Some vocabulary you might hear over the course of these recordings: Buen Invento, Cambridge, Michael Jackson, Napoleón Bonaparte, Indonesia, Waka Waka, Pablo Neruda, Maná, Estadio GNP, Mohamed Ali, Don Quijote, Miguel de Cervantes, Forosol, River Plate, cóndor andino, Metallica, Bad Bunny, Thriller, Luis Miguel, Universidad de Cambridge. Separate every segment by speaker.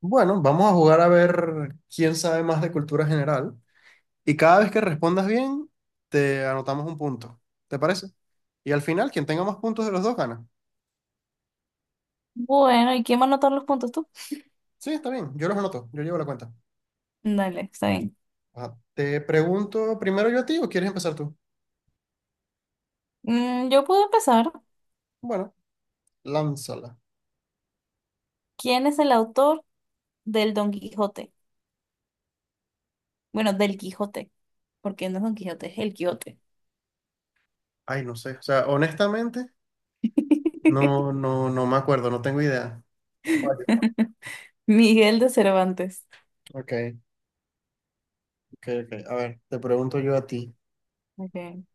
Speaker 1: Bueno, vamos a jugar a ver quién sabe más de cultura general. Y cada vez que respondas bien, te anotamos un punto. ¿Te parece? Y al final, quien tenga más puntos de los dos gana.
Speaker 2: Bueno, ¿y quién va a anotar los puntos tú?
Speaker 1: Sí, está bien. Yo los anoto. Yo llevo la cuenta.
Speaker 2: Dale, está bien.
Speaker 1: Ajá. Te pregunto primero yo a ti o quieres empezar tú.
Speaker 2: Yo puedo empezar.
Speaker 1: Bueno, lánzala.
Speaker 2: ¿Quién es el autor del Don Quijote? Bueno, del Quijote, porque no es Don Quijote, es el Quijote.
Speaker 1: Ay, no sé. O sea, honestamente, no, no, no me acuerdo. No tengo idea. Fallo.
Speaker 2: Miguel de Cervantes.
Speaker 1: Ok, ok, ok. A ver, te pregunto yo a ti.
Speaker 2: Ok.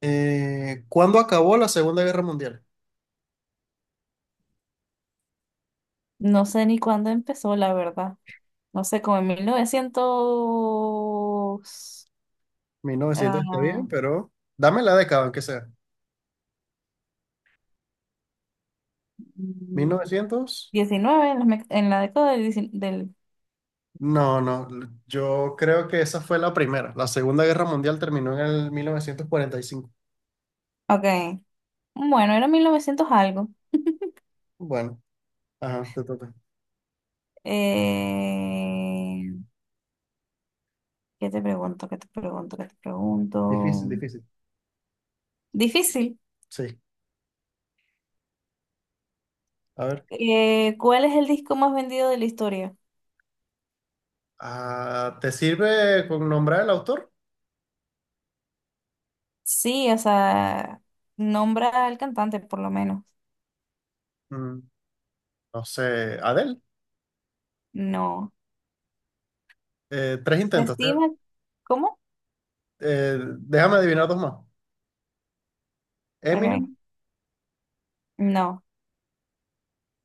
Speaker 1: ¿Cuándo acabó la Segunda Guerra Mundial?
Speaker 2: No sé ni cuándo empezó, la verdad. No sé, como en 1900
Speaker 1: Mil novecientos está
Speaker 2: ah,
Speaker 1: bien, pero dame la década, aunque sea. 1900.
Speaker 2: 19 en la década del 19 del...
Speaker 1: No, no, yo creo que esa fue la primera. La Segunda Guerra Mundial terminó en el 1945.
Speaker 2: Ok. Bueno, era 1900 algo.
Speaker 1: Bueno, ajá, te toca.
Speaker 2: Eh, ¿Qué te pregunto? ¿Qué te pregunto? ¿Qué te
Speaker 1: Difícil,
Speaker 2: pregunto?
Speaker 1: difícil.
Speaker 2: Difícil.
Speaker 1: Sí, a ver.
Speaker 2: ¿Cuál es el disco más vendido de la historia?
Speaker 1: Ah, ¿te sirve con nombrar el autor?
Speaker 2: Sí, o sea, nombra al cantante por lo menos.
Speaker 1: Mm, no sé, Adele.
Speaker 2: No.
Speaker 1: Tres
Speaker 2: Se
Speaker 1: intentos.
Speaker 2: estima, ¿cómo?
Speaker 1: Déjame adivinar dos más.
Speaker 2: Ok.
Speaker 1: Eminem,
Speaker 2: No,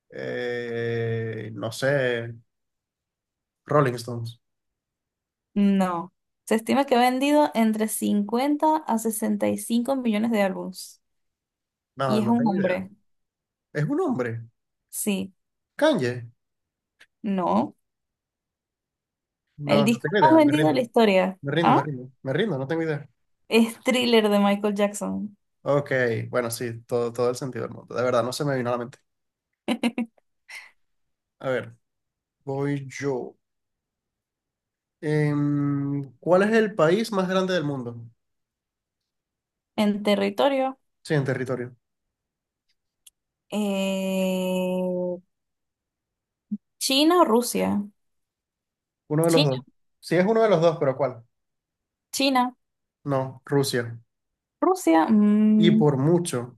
Speaker 1: no sé, Rolling Stones.
Speaker 2: no. Se estima que ha vendido entre 50 a 65 millones de álbumes.
Speaker 1: No,
Speaker 2: Y es
Speaker 1: no
Speaker 2: un
Speaker 1: tengo idea.
Speaker 2: hombre.
Speaker 1: Es un hombre.
Speaker 2: Sí,
Speaker 1: Kanye.
Speaker 2: no. El
Speaker 1: No, no
Speaker 2: disco
Speaker 1: tengo
Speaker 2: más
Speaker 1: idea, me
Speaker 2: vendido de la
Speaker 1: rindo,
Speaker 2: historia.
Speaker 1: me rindo, me
Speaker 2: ¿Ah?
Speaker 1: rindo, me rindo, no tengo idea.
Speaker 2: Es Thriller de Michael Jackson.
Speaker 1: Ok, bueno, sí, todo, todo el sentido del mundo. De verdad, no se me vino a la mente. A ver, voy yo. ¿Cuál es el país más grande del mundo?
Speaker 2: En territorio.
Speaker 1: Sí, en territorio.
Speaker 2: Eh, China o Rusia.
Speaker 1: Uno de los dos.
Speaker 2: China,
Speaker 1: Sí, es uno de los dos, pero ¿cuál?
Speaker 2: China,
Speaker 1: No, Rusia.
Speaker 2: Rusia.
Speaker 1: Y por mucho.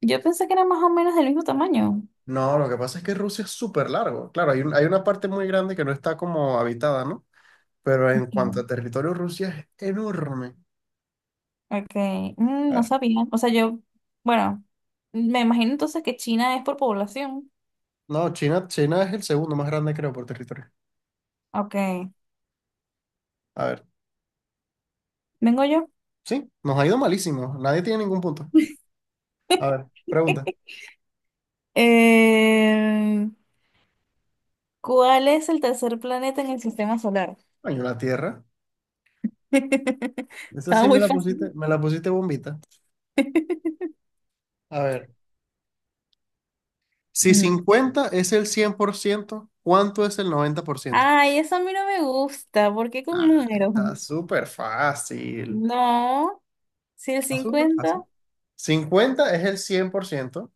Speaker 2: Yo pensé que era más o menos del mismo tamaño.
Speaker 1: No, lo que pasa es que Rusia es súper largo. Claro, hay una parte muy grande que no está como habitada, ¿no? Pero en cuanto
Speaker 2: Ok,
Speaker 1: a territorio, Rusia es enorme.
Speaker 2: ok.
Speaker 1: A
Speaker 2: No
Speaker 1: ver.
Speaker 2: sabía. O sea, yo, bueno, me imagino entonces que China es por población.
Speaker 1: No, China es el segundo más grande, creo, por territorio.
Speaker 2: Ok,
Speaker 1: A ver.
Speaker 2: vengo yo.
Speaker 1: Sí, nos ha ido malísimo. Nadie tiene ningún punto. A ver, pregunta.
Speaker 2: Eh, ¿Cuál es el tercer planeta en el sistema solar?
Speaker 1: Coño, la Tierra. Esa
Speaker 2: Estaba
Speaker 1: sí
Speaker 2: muy fácil.
Speaker 1: me la pusiste bombita. A ver, si
Speaker 2: Ujú.
Speaker 1: 50 es el 100%, ¿cuánto es el 90%?
Speaker 2: Ay, eso a mí no me gusta. ¿Por qué con
Speaker 1: Ah,
Speaker 2: números?
Speaker 1: está súper fácil.
Speaker 2: No. Si el
Speaker 1: Está súper
Speaker 2: 50,
Speaker 1: fácil. 50 es el 100%.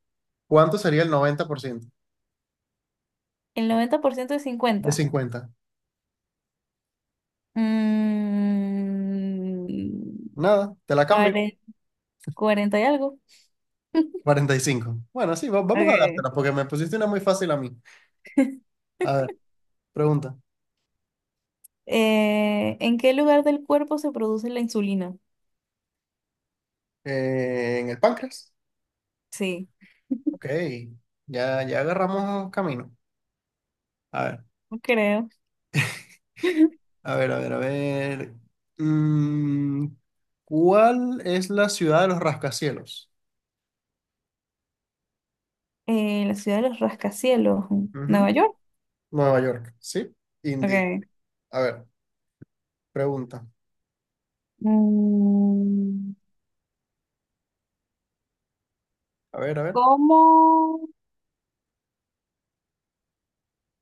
Speaker 1: ¿Cuánto sería el 90%
Speaker 2: el 90% es
Speaker 1: de
Speaker 2: 50.
Speaker 1: 50?
Speaker 2: Mm,
Speaker 1: Nada, te la cambio.
Speaker 2: cuare- 40 y algo.
Speaker 1: 45. Bueno, sí, vamos a
Speaker 2: Okay.
Speaker 1: dártela porque me pusiste una muy fácil a mí. A ver, pregunta.
Speaker 2: ¿En qué lugar del cuerpo se produce la insulina?
Speaker 1: ¿En el páncreas?
Speaker 2: Sí,
Speaker 1: Ok, ya, ya agarramos camino. A ver,
Speaker 2: no creo.
Speaker 1: a ver, a ver, a ver. Mm, ¿Cuál es la ciudad de los rascacielos?
Speaker 2: La ciudad de los rascacielos, Nueva
Speaker 1: Ujú.
Speaker 2: York.
Speaker 1: Nueva York, ¿sí? Indeed.
Speaker 2: Okay.
Speaker 1: A ver, pregunta.
Speaker 2: Mm,
Speaker 1: A ver, a ver.
Speaker 2: ¿Cómo?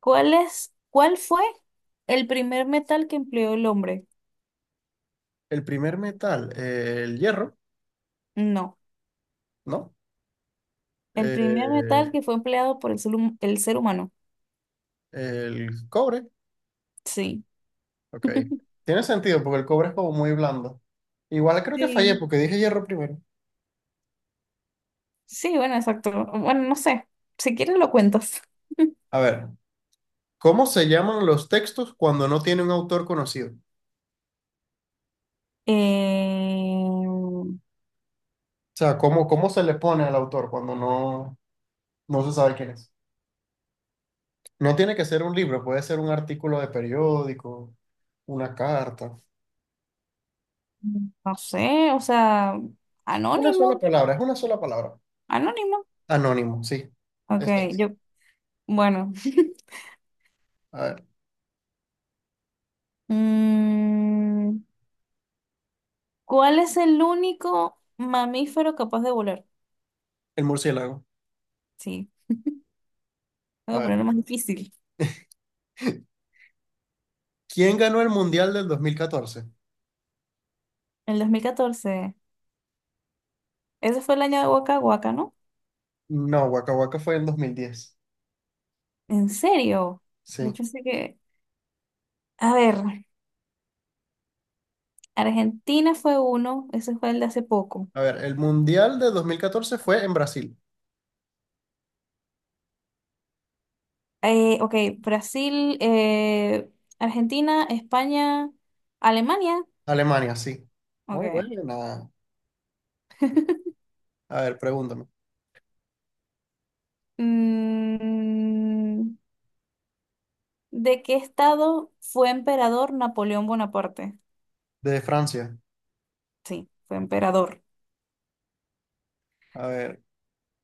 Speaker 2: ¿Cuál es? ¿Cuál fue el primer metal que empleó el hombre?
Speaker 1: El primer metal, el hierro,
Speaker 2: No,
Speaker 1: ¿no?
Speaker 2: el primer
Speaker 1: Eh,
Speaker 2: metal que fue empleado por el ser humano.
Speaker 1: el cobre,
Speaker 2: Sí.
Speaker 1: ok. Tiene sentido porque el cobre es como muy blando. Igual creo que fallé
Speaker 2: Sí.
Speaker 1: porque dije hierro primero.
Speaker 2: Sí, bueno, exacto. Bueno, no sé. Si quieres lo cuentas.
Speaker 1: A ver, ¿cómo se llaman los textos cuando no tiene un autor conocido?
Speaker 2: Eh,
Speaker 1: O sea, ¿cómo se le pone al autor cuando no, no se sabe quién es? No tiene que ser un libro, puede ser un artículo de periódico, una carta.
Speaker 2: no sé, o sea,
Speaker 1: Una sola
Speaker 2: anónimo,
Speaker 1: palabra, es una sola palabra.
Speaker 2: anónimo.
Speaker 1: Anónimo, sí.
Speaker 2: Ok,
Speaker 1: Esta es.
Speaker 2: yo, bueno.
Speaker 1: A ver,
Speaker 2: Mm, ¿Cuál es el único mamífero capaz de volar?
Speaker 1: el murciélago.
Speaker 2: Sí,
Speaker 1: A
Speaker 2: tengo que
Speaker 1: ver.
Speaker 2: ponerlo más difícil.
Speaker 1: ¿Quién ganó el Mundial del 2014?
Speaker 2: El 2014, ese fue el año de Waka Waka, ¿no?
Speaker 1: No, Waka Waka fue en 2010.
Speaker 2: ¿En serio? Yo
Speaker 1: Sí.
Speaker 2: pensé que... A ver. Argentina fue uno, ese fue el de hace poco.
Speaker 1: A ver, el Mundial de 2014 fue en Brasil.
Speaker 2: Ok, Brasil, Argentina, España, Alemania.
Speaker 1: Alemania, sí. Muy
Speaker 2: Ok.
Speaker 1: buena. A ver, pregúntame.
Speaker 2: Mm, ¿De qué estado fue emperador Napoleón Bonaparte?
Speaker 1: De Francia.
Speaker 2: Sí, fue emperador.
Speaker 1: A ver,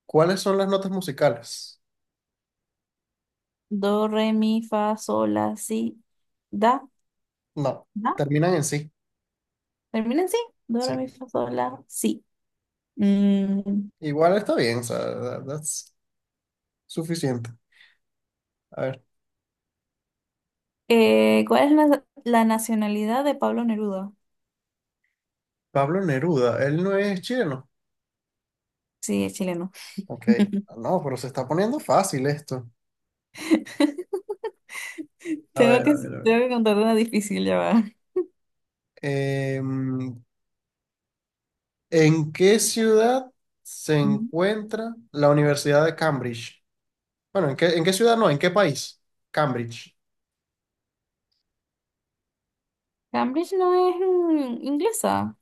Speaker 1: ¿cuáles son las notas musicales?
Speaker 2: Do, re, mi, fa, sol, la, si, da,
Speaker 1: No,
Speaker 2: da.
Speaker 1: terminan en sí,
Speaker 2: ¿Termina en sí? Do, re,
Speaker 1: sí.
Speaker 2: mi, fa, sol, la, si. Mm,
Speaker 1: Igual está bien, o sea, that's suficiente. A ver,
Speaker 2: ¿Cuál es la nacionalidad de Pablo Neruda?
Speaker 1: Pablo Neruda, él no es chileno.
Speaker 2: Sí, es chileno.
Speaker 1: Ok, no, pero se está poniendo fácil esto. A
Speaker 2: Tengo
Speaker 1: ver,
Speaker 2: que,
Speaker 1: a ver, a ver.
Speaker 2: tengo que contar una difícil, ya va.
Speaker 1: Em, ¿En qué ciudad se
Speaker 2: Ujú.
Speaker 1: encuentra la Universidad de Cambridge? Bueno, ¿en qué ciudad no? ¿En qué país? Cambridge.
Speaker 2: Cambridge no es inglesa,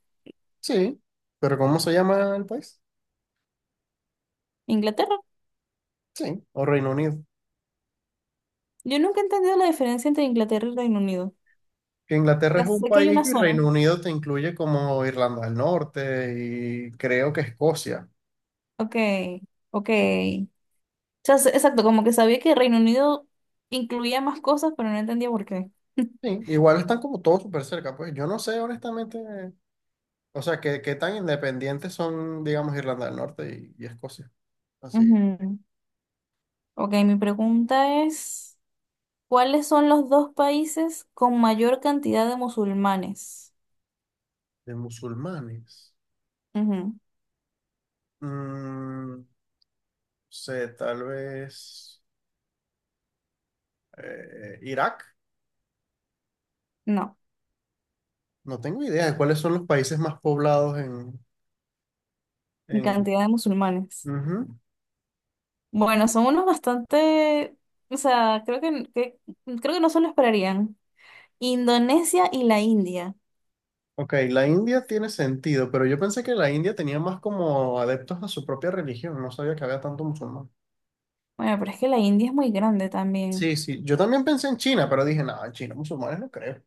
Speaker 1: Sí, pero ¿cómo se llama el país?
Speaker 2: Inglaterra.
Speaker 1: Sí, o Reino Unido.
Speaker 2: Yo nunca he entendido la diferencia entre Inglaterra y Reino Unido.
Speaker 1: Que
Speaker 2: O
Speaker 1: Inglaterra
Speaker 2: sea,
Speaker 1: es un
Speaker 2: sé que hay
Speaker 1: país
Speaker 2: una
Speaker 1: y
Speaker 2: zona.
Speaker 1: Reino Unido te incluye como Irlanda del Norte y creo que Escocia.
Speaker 2: Ok, ok. O sea, exacto, como que sabía que Reino Unido incluía más cosas, pero no entendía por qué.
Speaker 1: Sí, igual están como todos súper cerca, pues yo no sé honestamente, o sea, qué tan independientes son, digamos, Irlanda del Norte y Escocia. Así,
Speaker 2: Ujú. Ok, mi pregunta es, ¿cuáles son los dos países con mayor cantidad de musulmanes?
Speaker 1: de musulmanes.
Speaker 2: Ujú.
Speaker 1: Mm, sé, tal vez Irak.
Speaker 2: No,
Speaker 1: No tengo idea de cuáles son los países más poblados en.
Speaker 2: cantidad de musulmanes.
Speaker 1: Ujú.
Speaker 2: Bueno, son unos bastante, o sea, creo que no se lo esperarían. Indonesia y la India.
Speaker 1: Ok, la India tiene sentido, pero yo pensé que la India tenía más como adeptos a su propia religión, no sabía que había tanto musulmán.
Speaker 2: Bueno, pero es que la India es muy grande también.
Speaker 1: Sí, sí, yo también pensé en China, pero dije, no, en China, musulmanes no creo.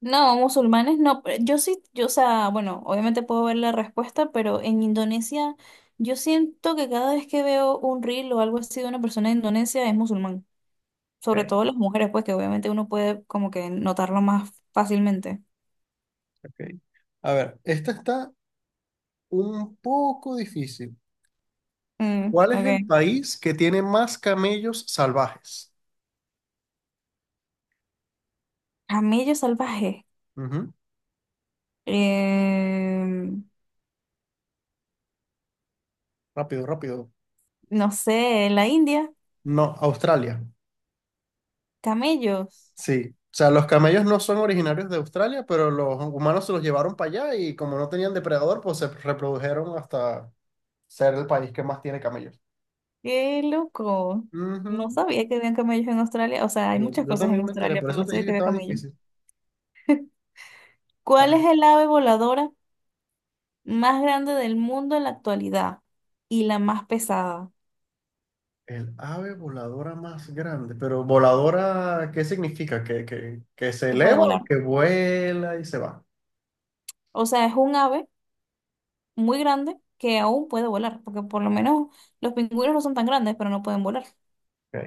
Speaker 2: No, musulmanes no. Pero yo sí. Yo, o sea, bueno, obviamente puedo ver la respuesta, pero en Indonesia yo siento que cada vez que veo un reel o algo así de una persona de Indonesia es musulmán. Sobre
Speaker 1: Ok,
Speaker 2: todo las mujeres, pues que obviamente uno puede como que notarlo más fácilmente.
Speaker 1: ok. A ver, esta está un poco difícil.
Speaker 2: Mm,
Speaker 1: ¿Cuál es
Speaker 2: ok.
Speaker 1: el país que tiene más camellos salvajes?
Speaker 2: Camello salvaje.
Speaker 1: Ujú.
Speaker 2: Em,
Speaker 1: Rápido, rápido.
Speaker 2: no sé, en la India,
Speaker 1: No, Australia.
Speaker 2: camellos.
Speaker 1: Sí. O sea, los camellos no son originarios de Australia, pero los humanos se los llevaron para allá y como no tenían depredador, pues se reprodujeron hasta, ser el país que más tiene camellos.
Speaker 2: Qué loco. No
Speaker 1: Ujú.
Speaker 2: sabía que había camellos en Australia. O sea, hay
Speaker 1: Yo,
Speaker 2: muchas
Speaker 1: yo
Speaker 2: cosas en
Speaker 1: también me enteré,
Speaker 2: Australia,
Speaker 1: por
Speaker 2: pero
Speaker 1: eso
Speaker 2: no
Speaker 1: te dije
Speaker 2: sabía
Speaker 1: que
Speaker 2: que había
Speaker 1: estaba
Speaker 2: camellos.
Speaker 1: difícil. A
Speaker 2: ¿Cuál es
Speaker 1: ver,
Speaker 2: el ave voladora más grande del mundo en la actualidad y la más pesada
Speaker 1: el ave voladora más grande, pero voladora, ¿qué significa? ¿Que se
Speaker 2: que puede
Speaker 1: eleva o
Speaker 2: volar?
Speaker 1: que vuela y se va?
Speaker 2: O sea, es un ave muy grande que aún puede volar, porque por lo menos los pingüinos no son tan grandes, pero no pueden volar.
Speaker 1: Ok.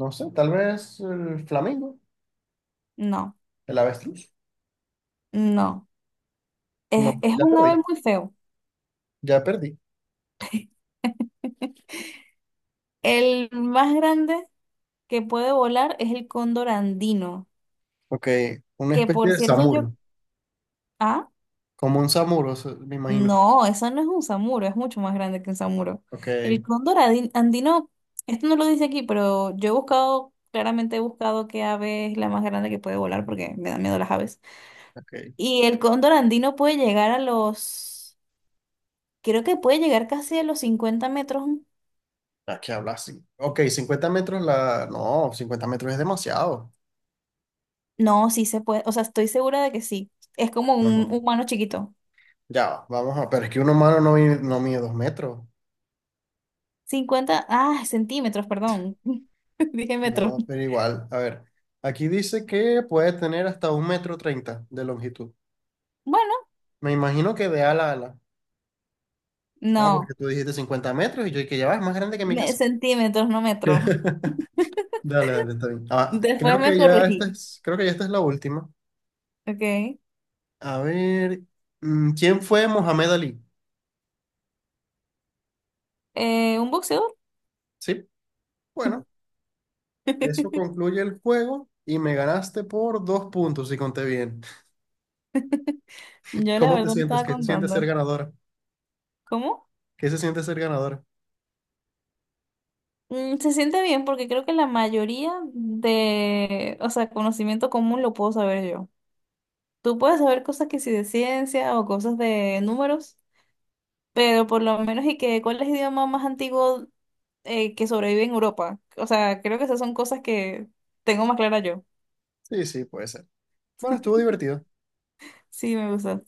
Speaker 1: No sé, tal vez el flamingo,
Speaker 2: No,
Speaker 1: el avestruz.
Speaker 2: no.
Speaker 1: No,
Speaker 2: Es
Speaker 1: ya
Speaker 2: un
Speaker 1: perdí,
Speaker 2: ave muy feo.
Speaker 1: ya perdí.
Speaker 2: El más grande que puede volar es el cóndor andino.
Speaker 1: Ok, una
Speaker 2: Que
Speaker 1: especie
Speaker 2: por
Speaker 1: de
Speaker 2: cierto, yo.
Speaker 1: samuro,
Speaker 2: Ah,
Speaker 1: como un samuro, me imagino.
Speaker 2: no, eso no es un samuro, es mucho más grande que un samuro.
Speaker 1: Ok,
Speaker 2: El cóndor andino, esto no lo dice aquí, pero yo he buscado, claramente he buscado qué ave es la más grande que puede volar porque me dan miedo las aves.
Speaker 1: ok,
Speaker 2: Y el cóndor andino puede llegar a los. Creo que puede llegar casi a los 50 metros.
Speaker 1: aquí habla así. Ok, 50 metros la. No, 50 metros es demasiado.
Speaker 2: No, sí se puede, o sea, estoy segura de que sí. Es como
Speaker 1: No,
Speaker 2: un
Speaker 1: no.
Speaker 2: humano chiquito.
Speaker 1: Ya, vamos a, pero es que un humano no, no mide 2 metros.
Speaker 2: 50 centímetros, perdón. Dije metros.
Speaker 1: No, pero igual, a ver, aquí dice que puede tener hasta 1,30 m de longitud.
Speaker 2: Bueno,
Speaker 1: Me imagino que de ala a ala. No,
Speaker 2: no.
Speaker 1: porque tú dijiste 50 metros y yo que ya va, es más grande que mi casa.
Speaker 2: Centímetros, no metros.
Speaker 1: Dale, dale, está bien. Ah,
Speaker 2: Después me corregí.
Speaker 1: creo que ya esta es la última.
Speaker 2: Ok.
Speaker 1: A ver, ¿quién fue Mohamed Ali?
Speaker 2: Un boxeador.
Speaker 1: Sí, bueno, eso concluye el juego y me ganaste por dos puntos, si conté bien.
Speaker 2: Yo la
Speaker 1: ¿Cómo te
Speaker 2: verdad no
Speaker 1: sientes?
Speaker 2: estaba
Speaker 1: ¿Qué te sientes
Speaker 2: contando.
Speaker 1: ser ganadora?
Speaker 2: ¿Cómo?
Speaker 1: ¿Qué se siente ser ganadora?
Speaker 2: Se siente bien porque creo que la mayoría de, o sea, conocimiento común lo puedo saber yo. Tú puedes saber cosas que sí de ciencia o cosas de números, pero por lo menos y que cuál es el idioma más antiguo que sobrevive en Europa. O sea, creo que esas son cosas que tengo más clara yo.
Speaker 1: Sí, sí, puede ser. Bueno, estuvo divertido.
Speaker 2: Sí, me gusta.